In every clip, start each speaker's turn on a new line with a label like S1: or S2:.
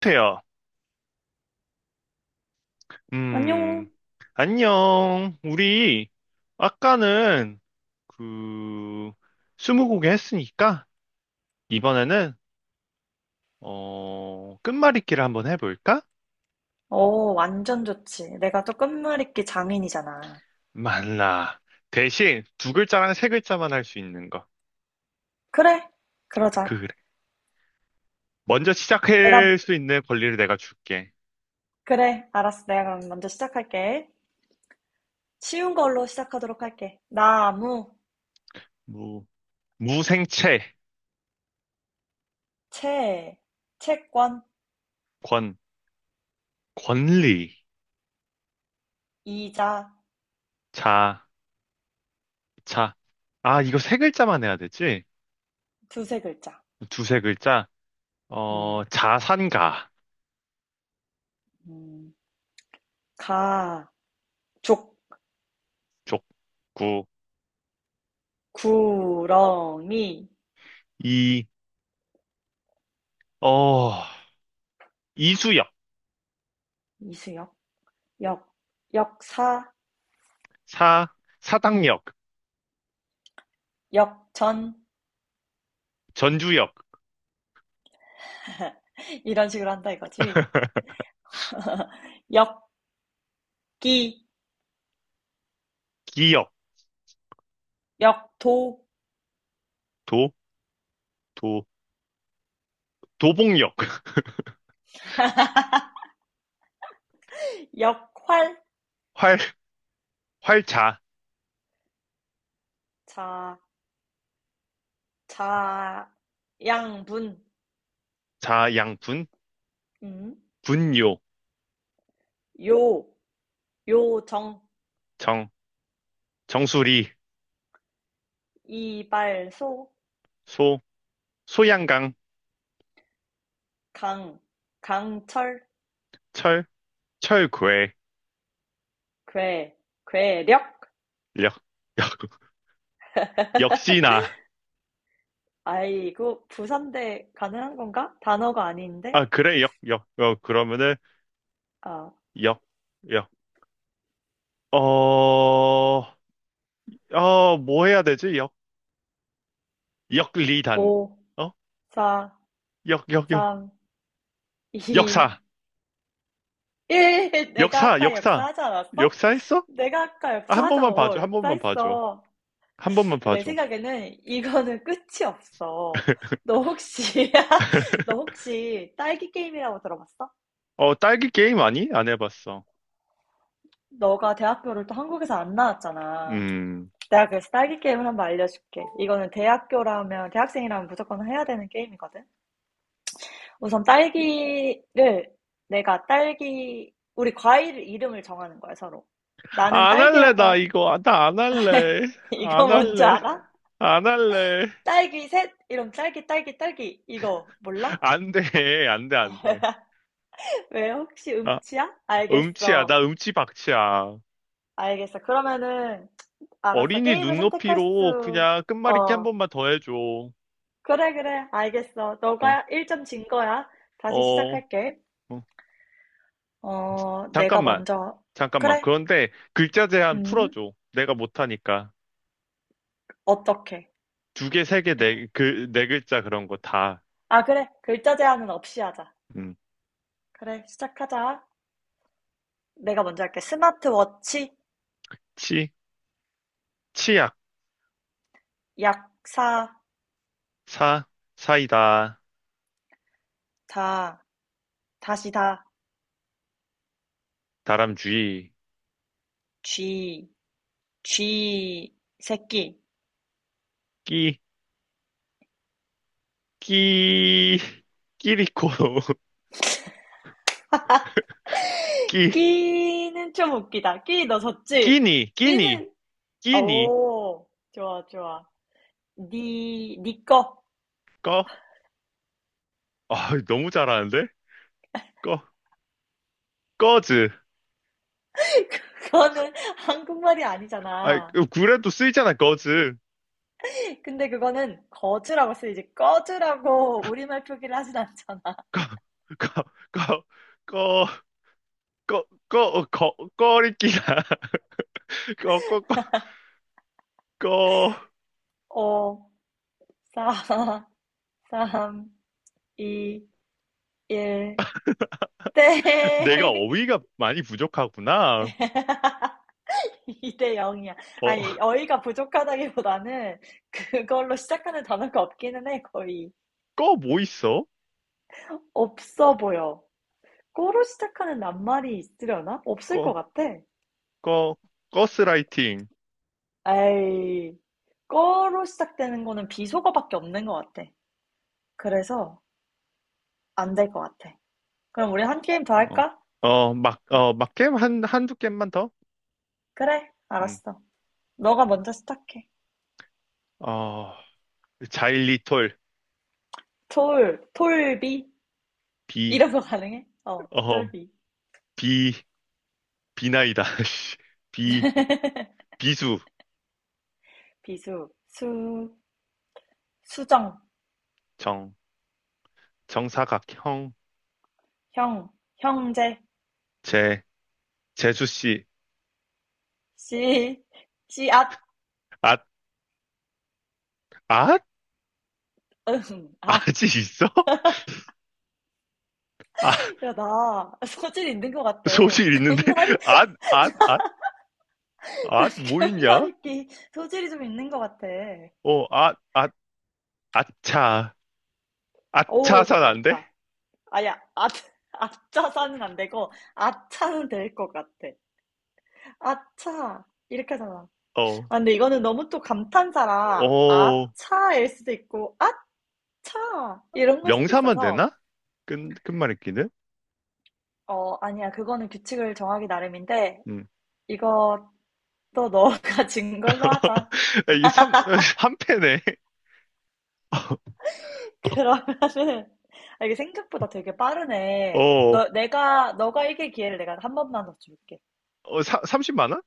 S1: 태야, 음,
S2: 안녕.
S1: 안녕. 우리 아까는 그 스무고개 했으니까 이번에는 끝말잇기를 한번 해볼까?
S2: 어, 완전 좋지. 내가 또 끝말잇기 장인이잖아.
S1: 말라. 대신 2글자랑 3글자만 할 수 있는 거.
S2: 그래, 그러자.
S1: 그래. 먼저
S2: 내가,
S1: 시작할 수 있는 권리를 내가 줄게.
S2: 그래, 알았어. 내가 그럼 먼저 시작할게. 쉬운 걸로 시작하도록 할게. 나무,
S1: 무. 무생채.
S2: 채, 채권,
S1: 권. 권리.
S2: 이자,
S1: 자. 자. 아, 이거 3글자만 해야 되지?
S2: 두세 글자.
S1: 두세 글자.
S2: 음,
S1: 자산가.
S2: 음, 가, 족,
S1: 족구.
S2: 구렁이,
S1: 이. 어, 이수역.
S2: 이수역, 역, 역사,
S1: 사. 사당역.
S2: 역전.
S1: 전주역.
S2: 이런 식으로 한다 이거지. 역기,
S1: 기역.
S2: 역도,
S1: 도. 도. 도봉역.
S2: 역활,
S1: 활. 활자.
S2: 자, 자, 양분,
S1: 자, 양분.
S2: 음,
S1: 분요.
S2: 요, 요정,
S1: 정. 정수리.
S2: 이발소,
S1: 소. 소양강.
S2: 강, 강철,
S1: 철. 철괴.
S2: 괴, 괴력.
S1: 역. 역. 역시나.
S2: 아이고, 부산대 가능한 건가? 단어가 아닌데?
S1: 아, 그래, 역, 역, 역, 그러면은,
S2: 아,
S1: 역, 역, 어, 어, 뭐 해야 되지? 역. 역리단.
S2: 5,
S1: 어?
S2: 4,
S1: 역, 역, 역.
S2: 3, 2, 1.
S1: 역사.
S2: 내가
S1: 역사,
S2: 아까
S1: 역사.
S2: 역사하지 않았어?
S1: 역사 했어?
S2: 내가 아까
S1: 아, 한
S2: 역사하자.
S1: 번만
S2: 어,
S1: 봐줘, 한 번만 봐줘.
S2: 역사했어.
S1: 한 번만
S2: 내
S1: 봐줘.
S2: 생각에는 이거는 끝이 없어. 너 혹시, 너 혹시 딸기 게임이라고 들어봤어?
S1: 어, 딸기 게임 아니? 안 해봤어.
S2: 너가 대학교를 또 한국에서 안 나왔잖아.
S1: 음.
S2: 내가 그래서 딸기 게임을 한번 알려줄게. 이거는 대학교라면, 대학생이라면 무조건 해야 되는 게임이거든. 우선 딸기를, 내가 딸기, 우리 과일 이름을 정하는 거야, 서로. 나는
S1: 아, 안 할래,
S2: 딸기라고
S1: 나
S2: 할,
S1: 이거. 아, 나안 할래.
S2: 이거
S1: 안
S2: 뭔지
S1: 할래.
S2: 알아?
S1: 안 할래.
S2: 딸기 셋? 이런 딸기, 딸기, 딸기. 이거 몰라?
S1: 안 돼, 안 돼, 안 돼.
S2: 왜요? 혹시
S1: 아,
S2: 음치야?
S1: 음치야.
S2: 알겠어.
S1: 나 음치 박치야.
S2: 알겠어. 그러면은, 알았어.
S1: 어린이
S2: 게임을 선택할
S1: 눈높이로
S2: 수,
S1: 그냥 끝말잇기 한
S2: 어.
S1: 번만 더 해줘. 어,
S2: 그래, 그래. 알겠어. 너가 1점 진 거야. 다시
S1: 어,
S2: 시작할게.
S1: 어.
S2: 어, 내가
S1: 잠깐만.
S2: 먼저.
S1: 잠깐만,
S2: 그래.
S1: 그런데 글자 제한
S2: 음,
S1: 풀어줘. 내가 못하니까.
S2: 어떻게?
S1: 2개, 3개, 네, 그, 4글자 그런 거 다.
S2: 아, 그래. 글자 제한은 없이 하자.
S1: 음.
S2: 그래, 시작하자. 내가 먼저 할게. 스마트워치,
S1: 치. 치약.
S2: 약사,
S1: 사. 사이다.
S2: 다, 다시 다,
S1: 다람쥐.
S2: 쥐, 쥐, 새끼.
S1: 끼. 끼. 끼리코. 끼.
S2: 끼는 좀 웃기다. 끼 너 졌지?
S1: 끼니. 끼니.
S2: 끼는
S1: 끼니.
S2: 오 좋아 좋아. 니니거
S1: 꺼. 아, 너무 잘하는데? 꺼. 꺼즈.
S2: 그거는 한국말이
S1: 아,
S2: 아니잖아.
S1: 그래도 쓰이잖아, 꺼즈.
S2: 근데 그거는 거즈라고 쓰이지 꺼즈라고 우리말 표기를 하진 않잖아.
S1: 꺼, 꺼, 꺼, 꺼, 꺼, 꺼, 어, 꺼, 꺼리끼나. 꺼, 꺼, 꺼, 꺼.
S2: 5, 4, 3, 2, 1,
S1: 내가
S2: 땡!
S1: 어휘가 많이 부족하구나.
S2: 2대 0이야.
S1: 어.
S2: 아니, 어이가 부족하다기보다는 그걸로 시작하는 단어가 없기는 해, 거의.
S1: 꺼 뭐 있어?
S2: 없어 보여. 꺼로 시작하는 낱말이 있으려나? 없을 것
S1: 꺼,
S2: 같아.
S1: 꺼, 가스라이팅.
S2: 에이, 꺼로 시작되는 거는 비속어밖에 없는 것 같아. 그래서 안 될 것 같아. 그럼 우리 한 게임 더
S1: 어,
S2: 할까?
S1: 어, 막, 어, 막 게임 한, 한두 게임만 더?
S2: 그래,
S1: 음.
S2: 알았어. 너가 먼저 시작해.
S1: 어, 자일리톨.
S2: 톨, 톨비
S1: 비.
S2: 이런 거 가능해? 어,
S1: 어,
S2: 톨비.
S1: 비, 비나이다. 씨. 비. 비수.
S2: 비수, 수, 수정,
S1: 정. 정사각형.
S2: 형, 형제,
S1: 재. 재수씨.
S2: 씨, 씨앗,
S1: 아. 아?
S2: 응, 앗.
S1: 아직 있어? 아.
S2: 야, 나 소질이 있는 것 같아.
S1: 소질 있는데?
S2: 견말이,
S1: 아. 아, 아,
S2: 나
S1: 아, 뭐 있냐?
S2: 견말잇기 소질이 좀 있는 것 같아.
S1: 어, 아, 아, 아차.
S2: 오,
S1: 아차산
S2: 됐다,
S1: 안 돼?
S2: 됐다. 아야, 아, 아차사는 안 되고, 아차는 될 것 같아. 아차. 이렇게 하잖아.
S1: 어.
S2: 아, 근데 이거는 너무 또 감탄사라,
S1: 어.
S2: 아차일 수도 있고, 아차! 이런 걸 수도
S1: 명사만
S2: 있어서,
S1: 되나? 끝, 끝말잇기는?
S2: 어, 아니야. 그거는 규칙을 정하기 나름인데,
S1: 음.
S2: 이것도 너가 진 걸로 하자.
S1: 이게 삼, 한 패네.
S2: 그러면은 아 이게 생각보다 되게 빠르네.
S1: 어,
S2: 너 내가 너가 이길 기회를 내가 한 번만 더 줄게.
S1: 어, 사, 10,000원?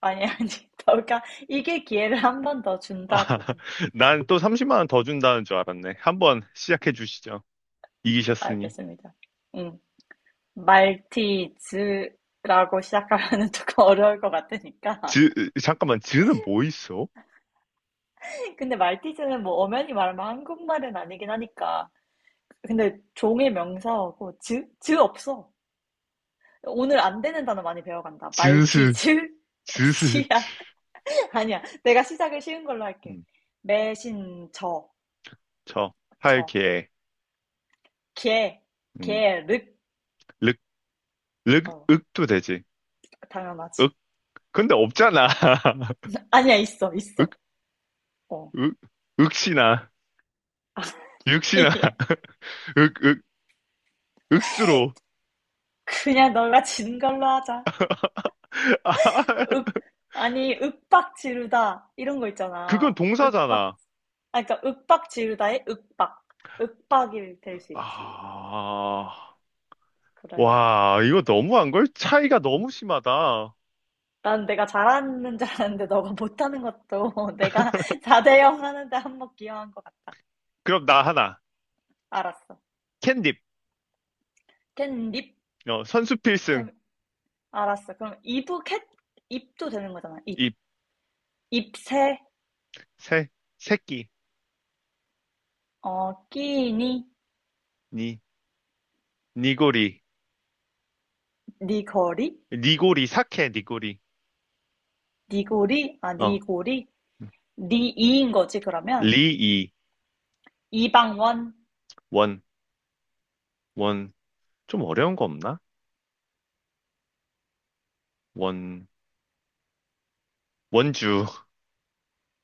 S2: 아니 아니 너가 이길 기회를 한 번 더
S1: 아,
S2: 준다고.
S1: 난 또 300,000원 더 준다는 줄 알았네. 한번 시작해 주시죠. 이기셨으니.
S2: 알겠습니다. 응. 말티즈라고 시작하면은 조금 어려울 것 같으니까.
S1: 즈. 잠깐만, 즈는 뭐 있어?
S2: 근데 말티즈는 뭐 엄연히 말하면 한국말은 아니긴 하니까. 근데 종의 명사하고 즈? 즈 없어. 오늘 안 되는 단어 많이 배워간다.
S1: 즈스.
S2: 말티즈,
S1: 즈스. 즈.
S2: 씨앗, 아니야. 내가 시작을 쉬운 걸로 할게.
S1: 음.
S2: 매신,
S1: 저.
S2: 저.
S1: 할게..
S2: 개,
S1: 음.
S2: 개, 륵.
S1: 륵. 륵.
S2: 어,
S1: 윽도 되지.
S2: 당연하지.
S1: 윽? 근데 없잖아.
S2: 아니야, 있어, 있어.
S1: 윽.
S2: 어.
S1: 윽. 윽시나. 윽시나. 윽, 윽, 윽수로.
S2: 그냥 너가 진 걸로 하자.
S1: 아.
S2: 윽, 아니, 윽박 지르다. 이런 거
S1: 그건
S2: 있잖아. 윽박,
S1: 동사잖아.
S2: 아, 그러니까 윽박 지르다의 윽박. 윽박이 될 수 있지.
S1: 아.
S2: 그래.
S1: 와, 이거 너무한 걸? 차이가 너무 심하다.
S2: 난 내가 잘하는 줄 알았는데 너가 못하는 것도 내가 4대0 하는데 한 번 기여한 것 같아.
S1: 그럼 나 하나.
S2: 알았어.
S1: 캔딥.
S2: 캣닙?
S1: 어, 선수 필승.
S2: 그럼 알았어. 그럼 이북햇 입도 되는 거잖아. 입
S1: 입.
S2: 입새
S1: 새. 새끼.
S2: 어 끼니
S1: 니. 니고리.
S2: 니거리
S1: 니고리. 사케. 니고리.
S2: 니고리 아
S1: 어.
S2: 니고리 니이인 거지 그러면
S1: 리이.
S2: 이방원
S1: 원. 원. 좀 어려운 거 없나? 원. 원주.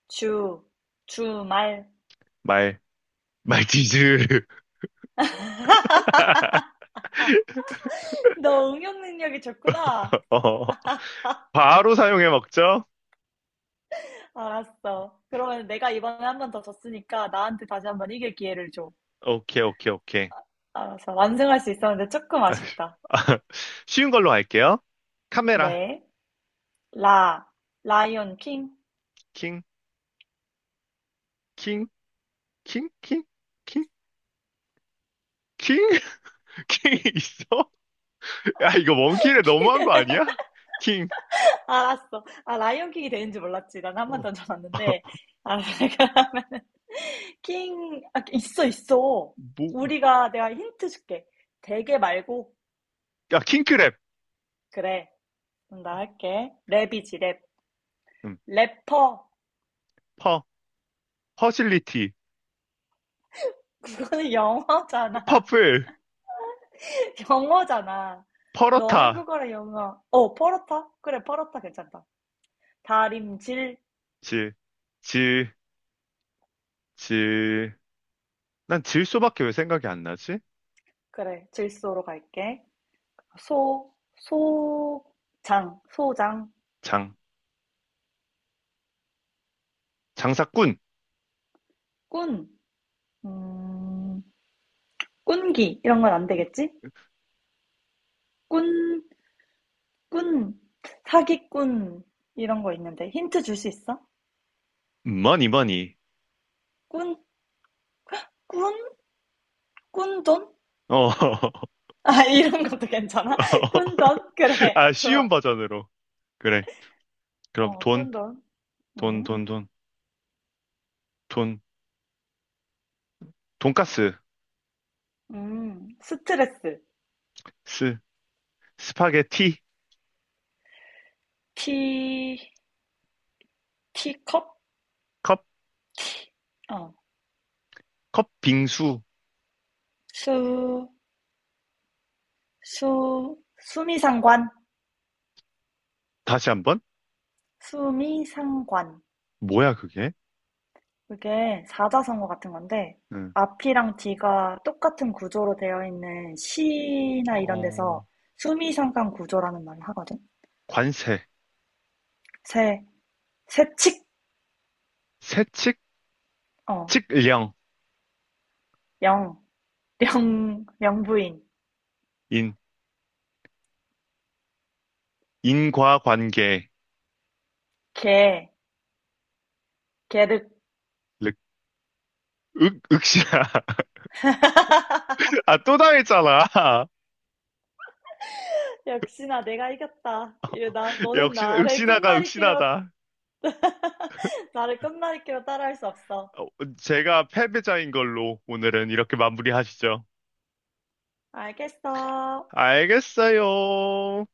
S2: 주 주말
S1: 말. 말티즈.
S2: 아, 너 응용 능력이 좋구나.
S1: 어, 바로 사용해 먹죠?
S2: 알았어. 그러면 내가 이번에 한 번 더 졌으니까 나한테 다시 한 번 이길 기회를 줘.
S1: 오케이, 오케이, 오케이.
S2: 알았어. 완승할 수 있었는데 조금 아쉽다.
S1: 쉬운 걸로 할게요. 카메라.
S2: 네. 라 라이온 킹.
S1: 킹, 킹, 킹, 킹, 킹, 킹. 킹 있어? 야, 이거 원킬에 너무한 거 아니야? 킹.
S2: 알았어. 아, 라이언킹이 되는지 몰랐지. 난 한 번
S1: 어.
S2: 던져놨는데. 아, 그러면은, 킹, 아, 있어, 있어.
S1: 뭐,
S2: 우리가, 내가 힌트 줄게. 대게 말고,
S1: 야, 킹크랩.
S2: 그래. 그럼 나 할게. 랩이지, 랩.
S1: 음.
S2: 래퍼.
S1: 퍼. 퍼실리티.
S2: 그거는 영어잖아.
S1: 퍼플.
S2: 영어잖아. 너
S1: 퍼러타.
S2: 한국어랑 영어. 어, 퍼렇다? 그래, 퍼렇다 괜찮다. 다림질.
S1: 질. 질. 질. 난 질소밖에 왜 생각이 안 나지?
S2: 그래, 질소로 갈게. 소, 소장,
S1: 장. 장사꾼.
S2: 꾼. 음, 꾼기 이런 건 안 되겠지? 꾼, 꾼, 사기꾼 이런 거 있는데 힌트 줄 수 있어?
S1: 머니, 머니.
S2: 꾼, 꾼, 꾼돈?
S1: 어.
S2: 아, 이런 것도 괜찮아? 꾼돈? 그래,
S1: 아, 쉬운
S2: 좋아.
S1: 버전으로. 그래. 그럼
S2: 어,
S1: 돈.
S2: 꾼돈.
S1: 돈,
S2: 음,
S1: 돈, 돈, 돈, 돈가스.
S2: 스트레스.
S1: 스. 스파게티.
S2: 티, 티컵?
S1: 컵.
S2: 티, 어,
S1: 컵, 빙수.
S2: 수, 수미상관.
S1: 다시 한번?
S2: 수미상관.
S1: 뭐야, 그게?
S2: 그게 사자성어 같은 건데,
S1: 응.
S2: 앞이랑 뒤가 똑같은 구조로 되어 있는 시나 이런
S1: 어,
S2: 데서 수미상관 구조라는 말을 하거든?
S1: 관세.
S2: 새, 새칙,
S1: 세칙.
S2: 어,
S1: 칙령.
S2: 영, 령, 명부인,
S1: 인. 인과관계.
S2: 개, 개득.
S1: 륵. 윽. 윽신아. 아, 또 당했잖아.
S2: 역시나 내가 이겼다. 이거 나, 너는
S1: 역시나,
S2: 나를
S1: 윽신아가
S2: 끝말잇기로,
S1: 윽신하다.
S2: 나를 끝말잇기로 따라할 수 없어.
S1: 어, 제가 패배자인 걸로 오늘은 이렇게 마무리하시죠.
S2: 알겠어.
S1: 알겠어요.